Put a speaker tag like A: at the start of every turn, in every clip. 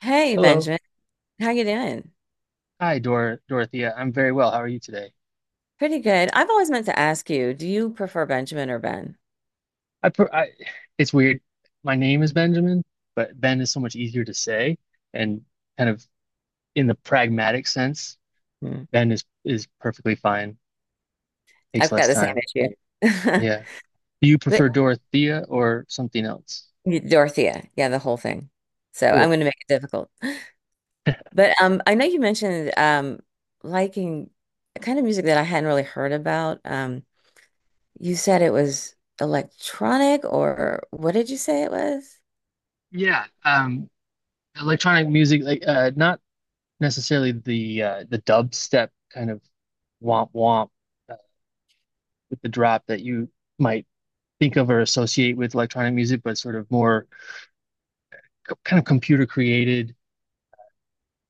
A: Hey
B: Hello.
A: Benjamin, how you doing?
B: Hi, Dorothea. I'm very well. How are you today?
A: Pretty good. I've always meant to ask you, do you prefer Benjamin or Ben?
B: I, pr I It's weird. My name is Benjamin, but Ben is so much easier to say and kind of in the pragmatic sense,
A: Hmm.
B: Ben is perfectly fine. Takes
A: I've
B: less
A: got the same
B: time.
A: issue.
B: Yeah. Do you
A: But-
B: prefer Dorothea or something else?
A: Dorothea, yeah, the whole thing. So I'm
B: Cool.
A: going to make it difficult. But I know you mentioned liking a kind of music that I hadn't really heard about. You said it was electronic, or what did you say it was?
B: Yeah. Electronic music, like not necessarily the dubstep kind of womp womp uh, with the drop that you might think of or associate with electronic music, but sort of more kind of computer created.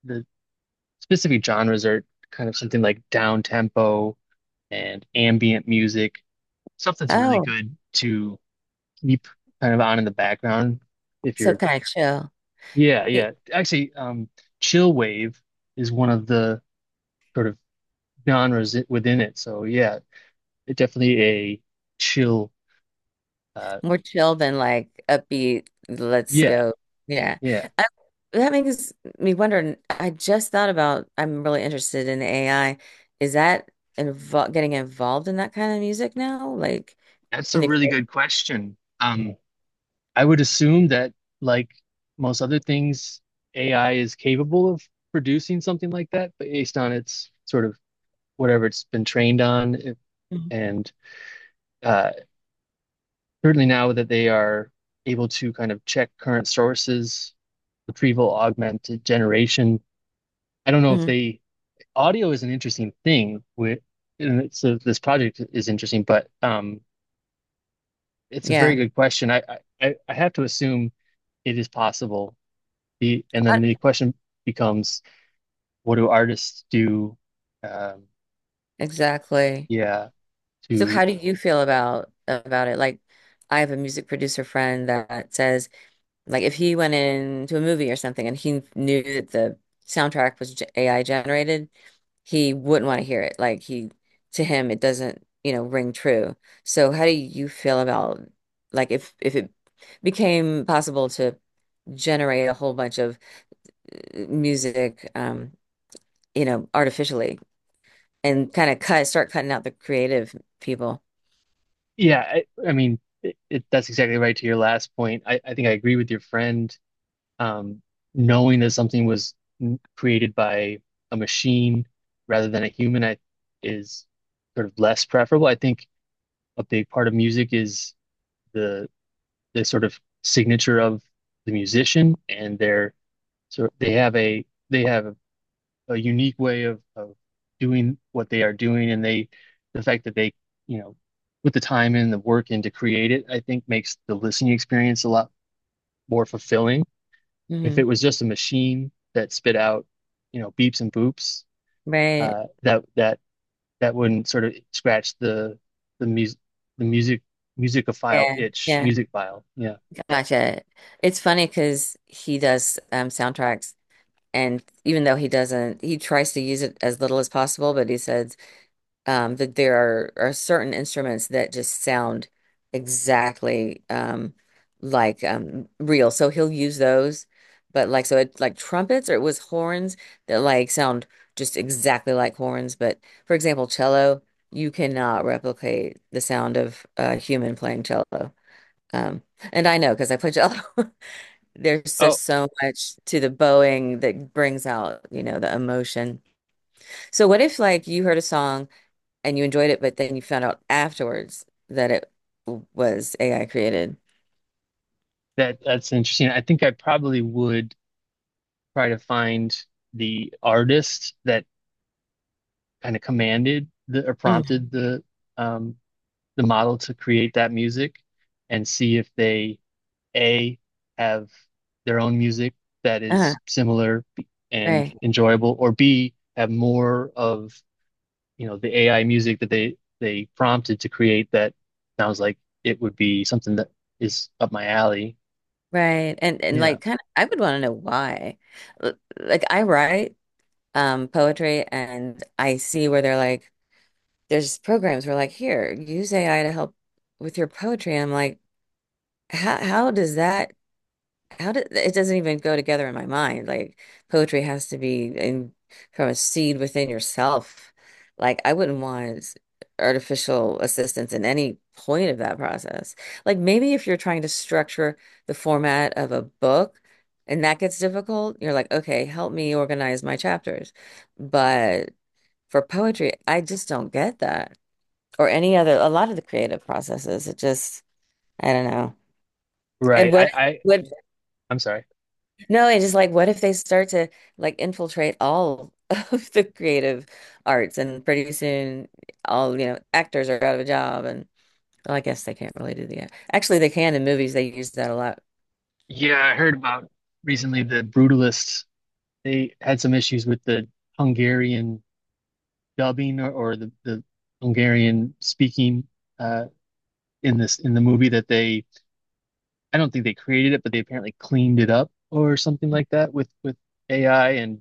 B: The specific genres are kind of something like down tempo and ambient music, stuff that's really
A: Oh,
B: good to keep kind of on in the background if
A: so
B: you're,
A: kind of chill.
B: yeah, yeah. Actually, chill wave is one of the sort of genres within it. So yeah, it definitely a chill. Uh,
A: More chill than like upbeat, let's
B: yeah,
A: go. Yeah.
B: yeah.
A: I, that makes me wonder. I just thought about, I'm really interested in AI. Is that invo getting involved in that kind of music now? Like
B: That's
A: in
B: a
A: the
B: really good question. I would assume that, like most other things, AI is capable of producing something like that, but based on its sort of whatever it's been trained on. If,
A: creation?
B: and uh, Certainly now that they are able to kind of check current sources, retrieval augmented generation. I don't know if
A: Hmm.
B: they, Audio is an interesting thing with, this project is interesting, but it's a
A: Yeah.
B: very good question. I have to assume it is possible. And then
A: Not-
B: the question becomes, what do artists do? Um,
A: Exactly.
B: yeah,
A: So
B: to
A: how do you feel about it? Like I have a music producer friend that says like if he went into a movie or something and he knew that the soundtrack was AI generated, he wouldn't want to hear it. Like he, to him, it doesn't, you know, ring true. So how do you feel about like if it became possible to generate a whole bunch of music, you know, artificially and kind of start cutting out the creative people?
B: yeah, I mean, that's exactly right to your last point. I think I agree with your friend. Um, knowing that something was created by a machine rather than a human, is sort of less preferable. I think a big part of music is the the sort of signature of the musician, and their so they have a unique way of doing what they are doing, and the fact that they, you know, put the time and the work in to create it, I think makes the listening experience a lot more fulfilling. If
A: Hmm.
B: it was just a machine that spit out, you know, beeps and boops,
A: Right.
B: that that wouldn't sort of scratch the the music the music musicophile
A: Yeah.
B: itch,
A: Yeah.
B: music file, yeah.
A: Gotcha. It's funny because he does soundtracks. And even though he doesn't, he tries to use it as little as possible, but he said that there are certain instruments that just sound exactly like real. So he'll use those, but like, so it like trumpets or it was horns that like sound just exactly like horns. But for example, cello, you cannot replicate the sound of a human playing cello. Um, and I know because I play cello. There's
B: Oh,
A: just so much to the bowing that brings out, you know, the emotion. So what if like you heard a song and you enjoyed it, but then you found out afterwards that it was AI created?
B: that's interesting. I think I probably would try to find the artist that kind of commanded the, or
A: Hmm.
B: prompted um, the model to create that music, and see if they, A, have their own music that
A: Uh-huh.
B: is similar and
A: Right.
B: enjoyable, or B, have more of, you know, the AI music that they prompted to create that sounds like it would be something that is up my alley.
A: Right. And
B: Yeah.
A: like kind of I would want to know why. Like I write poetry and I see where they're like there's programs where like here, use AI to help with your poetry. I'm like, how does that how did it doesn't even go together in my mind. Like poetry has to be in from a seed within yourself. Like I wouldn't want artificial assistance in any point of that process. Like maybe if you're trying to structure the format of a book and that gets difficult, you're like, okay, help me organize my chapters. But for poetry, I just don't get that. Or any other, a lot of the creative processes. It just, I don't know. And
B: Right.
A: what
B: I'm sorry.
A: No, it is like, what if they start to like infiltrate all of the creative arts, and pretty soon, all you know, actors are out of a job, and well, I guess they can't really do the act. Actually, they can in movies. They use that a lot.
B: Yeah, I heard about recently the Brutalists. They had some issues with the Hungarian dubbing, or the Hungarian speaking, uh, in this in the movie, that they, I don't think they created it, but they apparently cleaned it up or something like that with AI, and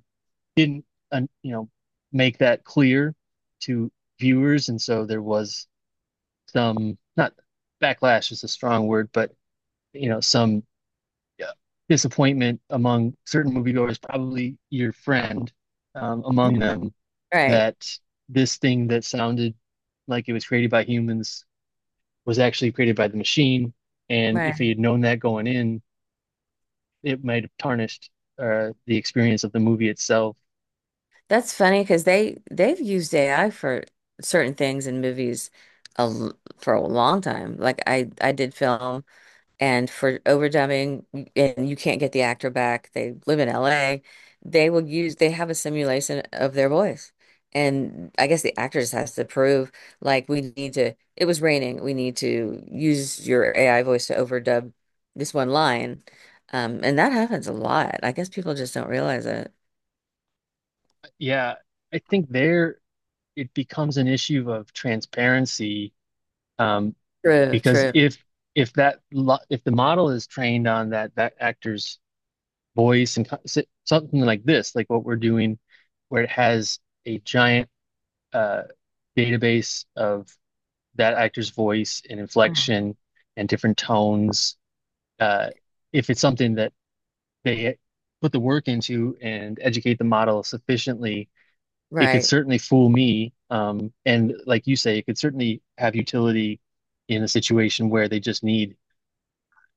B: didn't, you know, make that clear to viewers, and so there was some, not backlash is a strong word, but you know, some uh, disappointment among certain moviegoers, probably your friend among them,
A: Right,
B: that this thing that sounded like it was created by humans was actually created by the machine. And if
A: right.
B: he had known that going in, it might have tarnished the experience of the movie itself.
A: That's funny because they they've used AI for certain things in movies for a long time. Like I did film and for overdubbing and you can't get the actor back. They live in LA. They will use they have a simulation of their voice. And I guess the actor just has to prove like we need to it was raining. We need to use your AI voice to overdub this one line. And that happens a lot. I guess people just don't realize it.
B: Yeah, I think there, it becomes an issue of transparency, um,
A: True,
B: because
A: true.
B: if that lo if the model is trained on that actor's voice and something like this, like what we're doing, where it has a giant uh, database of that actor's voice and inflection and different tones. Uh, if it's something that they put the work into and educate the model sufficiently, it could
A: Right.
B: certainly fool me. And like you say, it could certainly have utility in a situation where they just need,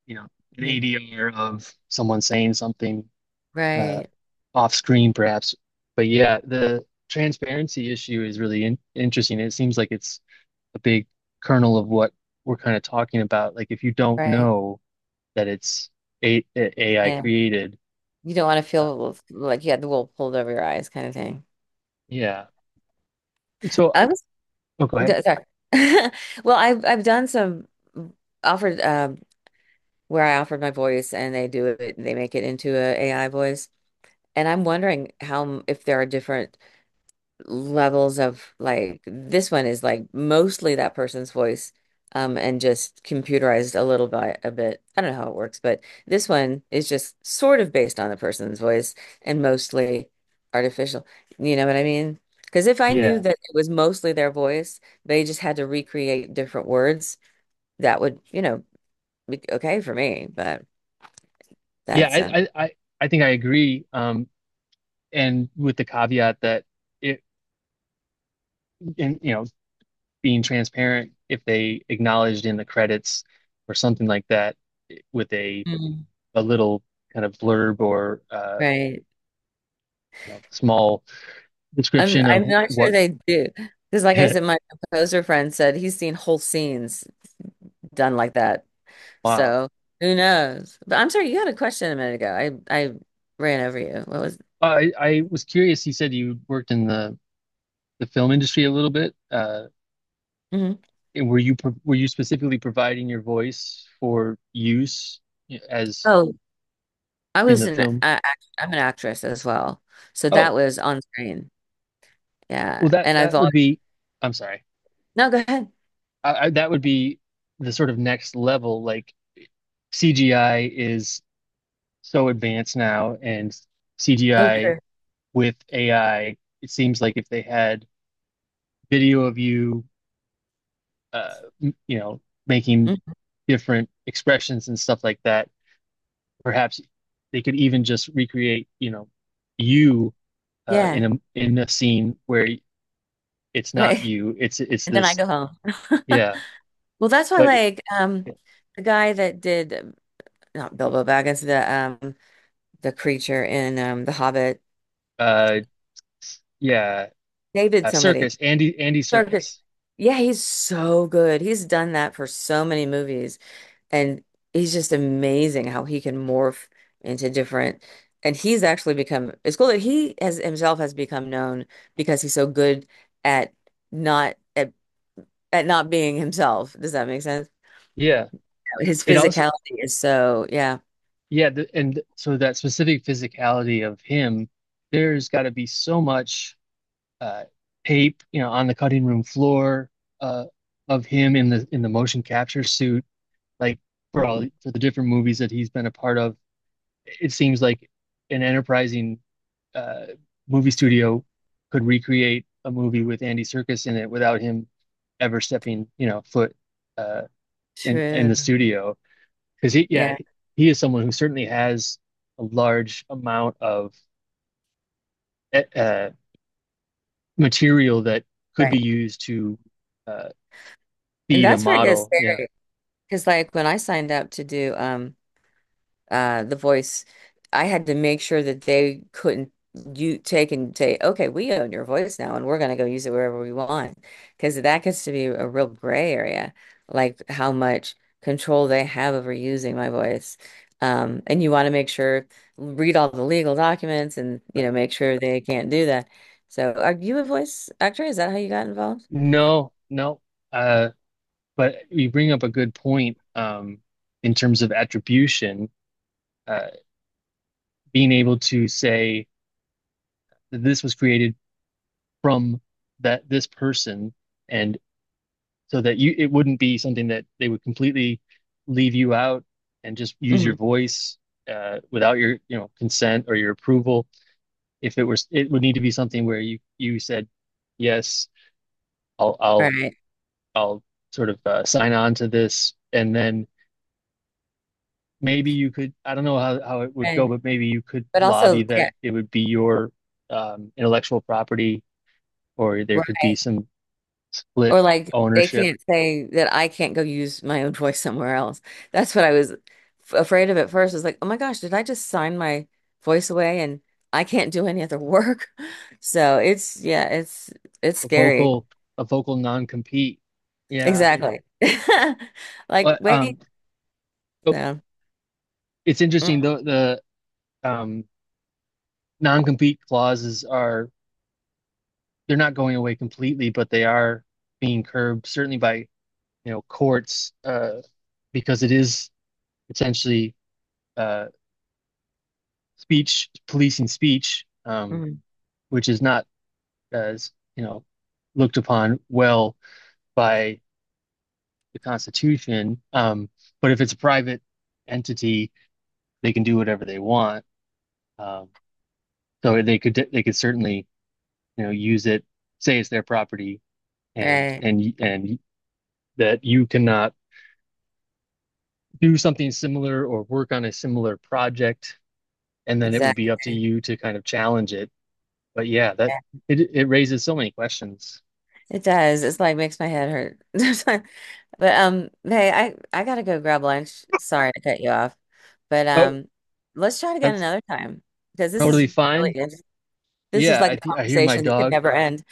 B: you know, an
A: Mhm.
B: ADR of someone saying something, uh,
A: Right.
B: off screen, perhaps. But yeah, the transparency issue is really in interesting. It seems like it's a big kernel of what we're kind of talking about. Like if you don't
A: Right.
B: know that it's a AI
A: Yeah.
B: created,
A: You don't want to
B: uh,
A: feel like you had the wool pulled over your eyes kind of thing.
B: yeah. So I,
A: I was
B: oh, go ahead.
A: Sorry. Well, I've done some mm, offered where I offered my voice and they do it they make it into a AI voice. And I'm wondering if there are different levels of like this one is like mostly that person's voice and just computerized a bit. I don't know how it works, but this one is just sort of based on the person's voice and mostly artificial. You know what I mean? Because if I knew
B: Yeah,
A: that it was mostly their voice, they just had to recreate different words, that would, you know, be okay for me, but
B: yeah.
A: that's um
B: I think I agree. And with the caveat that it, and you know, being transparent, if they acknowledged in the credits or something like that, with
A: Mm.
B: a little kind of blurb, or
A: Right.
B: you know, small
A: I'm
B: description of
A: I'm not sure
B: what.
A: they do. Because like I said, my composer friend said he's seen whole scenes done like that.
B: Wow.
A: So who knows? But I'm sorry, you had a question a minute ago. I ran over you. What was
B: I was curious. You said you worked in the film industry a little bit.
A: Mhm.
B: And were you specifically providing your voice for use as
A: Oh, I
B: in
A: was
B: the
A: an
B: film?
A: I, I'm an actress as well. So that
B: Oh,
A: was on screen.
B: well
A: Yeah.
B: that
A: And I've
B: that would
A: always
B: be. I'm sorry.
A: No, go ahead.
B: That would be the sort of next level. Like CGI is so advanced now, and
A: Oh,
B: CGI
A: true.
B: with AI. It seems like if they had video of you, uh, you know, making
A: Mhm.
B: different expressions and stuff like that. Perhaps they could even just recreate, you know, you,
A: Yeah.
B: in a scene where it's not
A: Right.
B: you. It's
A: And then I
B: this.
A: go home.
B: Yeah,
A: Well, that's why
B: but
A: like the guy that did not Bilbo Baggins, the creature in The Hobbit.
B: uh, yeah,
A: David somebody.
B: Circus, Andy
A: Circus.
B: Circus.
A: Yeah, he's so good. He's done that for so many movies, and he's just amazing how he can morph into different. And he's actually become, it's cool that he has himself has become known because he's so good at not at, at not being himself. Does that make sense?
B: Yeah,
A: His
B: it also
A: physicality is so, yeah.
B: yeah, and so that specific physicality of him, there's got to be so much uh, tape, you know, on the cutting room floor, uh, of him in the motion capture suit, like for all
A: Mhm.
B: for the different movies that he's been a part of. It seems like an enterprising uh, movie studio could recreate a movie with Andy Serkis in it without him ever stepping, you know, foot, uh, in the
A: True.
B: studio. Because he, yeah,
A: Yeah,
B: he is someone who certainly has a large amount of eh, uh, material that could be
A: right.
B: used to uh,
A: And
B: feed a
A: that's where it gets
B: model. Yeah,
A: scary. Because like when I signed up to do the voice I had to make sure that they couldn't you take and say okay we own your voice now and we're going to go use it wherever we want because that gets to be a real gray area like how much control they have over using my voice and you want to make sure read all the legal documents and you
B: right.
A: know make sure they can't do that so are you a voice actor is that how you got involved
B: No, no. Uh, but you bring up a good point, in terms of attribution. Uh, Being able to say that this was created from that this person, and so that you, it wouldn't be something that they would completely leave you out and just use your
A: Mhm.
B: voice without your, you know, consent or your approval. If it was, it would need to be something where you said yes, I'll I'll
A: right
B: I'll sort of, sign on to this, and then maybe you could, I don't know how it would go,
A: right
B: but maybe you could
A: but also
B: lobby that
A: yeah
B: it would be your intellectual property, or there could be some split
A: Or like they
B: ownership,
A: can't say that I can't go use my own voice somewhere else. That's what I was afraid of at first. I was like, oh my gosh, did I just sign my voice away and I can't do any other work? So it's yeah, it's
B: a
A: scary.
B: vocal a vocal non-compete. Yeah.
A: Exactly. Like
B: But um
A: wait,
B: Oh,
A: so
B: it's interesting
A: mm,
B: though, the um non-compete clauses are, they're not going away completely, but they are being curbed certainly by, you know, courts, because it is potentially uh speech policing speech,
A: mm,
B: which is not as, you know, looked upon well by the Constitution. But if it's a private entity, they can do whatever they want. Um, so they could certainly, you know, use it, say it's their property, and
A: right,
B: and that you cannot do something similar or work on a similar project, and then it would be up to
A: exactly.
B: you to kind of challenge it. But yeah, that
A: Yeah.
B: it raises so many questions.
A: It does. It's like makes my head hurt. But hey, I gotta go grab lunch. Sorry to cut you off, but
B: Oh,
A: let's try it again
B: that's
A: another time because this
B: totally
A: is really
B: fine.
A: interesting. This is
B: Yeah,
A: like a
B: I think I hear my
A: conversation that could
B: dog
A: never end.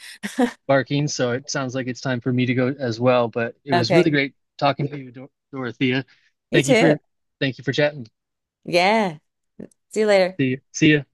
B: barking, so it sounds like it's time for me to go as well. But it was really
A: Okay,
B: great talking to you, Dorothea.
A: you
B: Thank you
A: too.
B: for Thank you for chatting.
A: Yeah. See you later.
B: See you. See ya.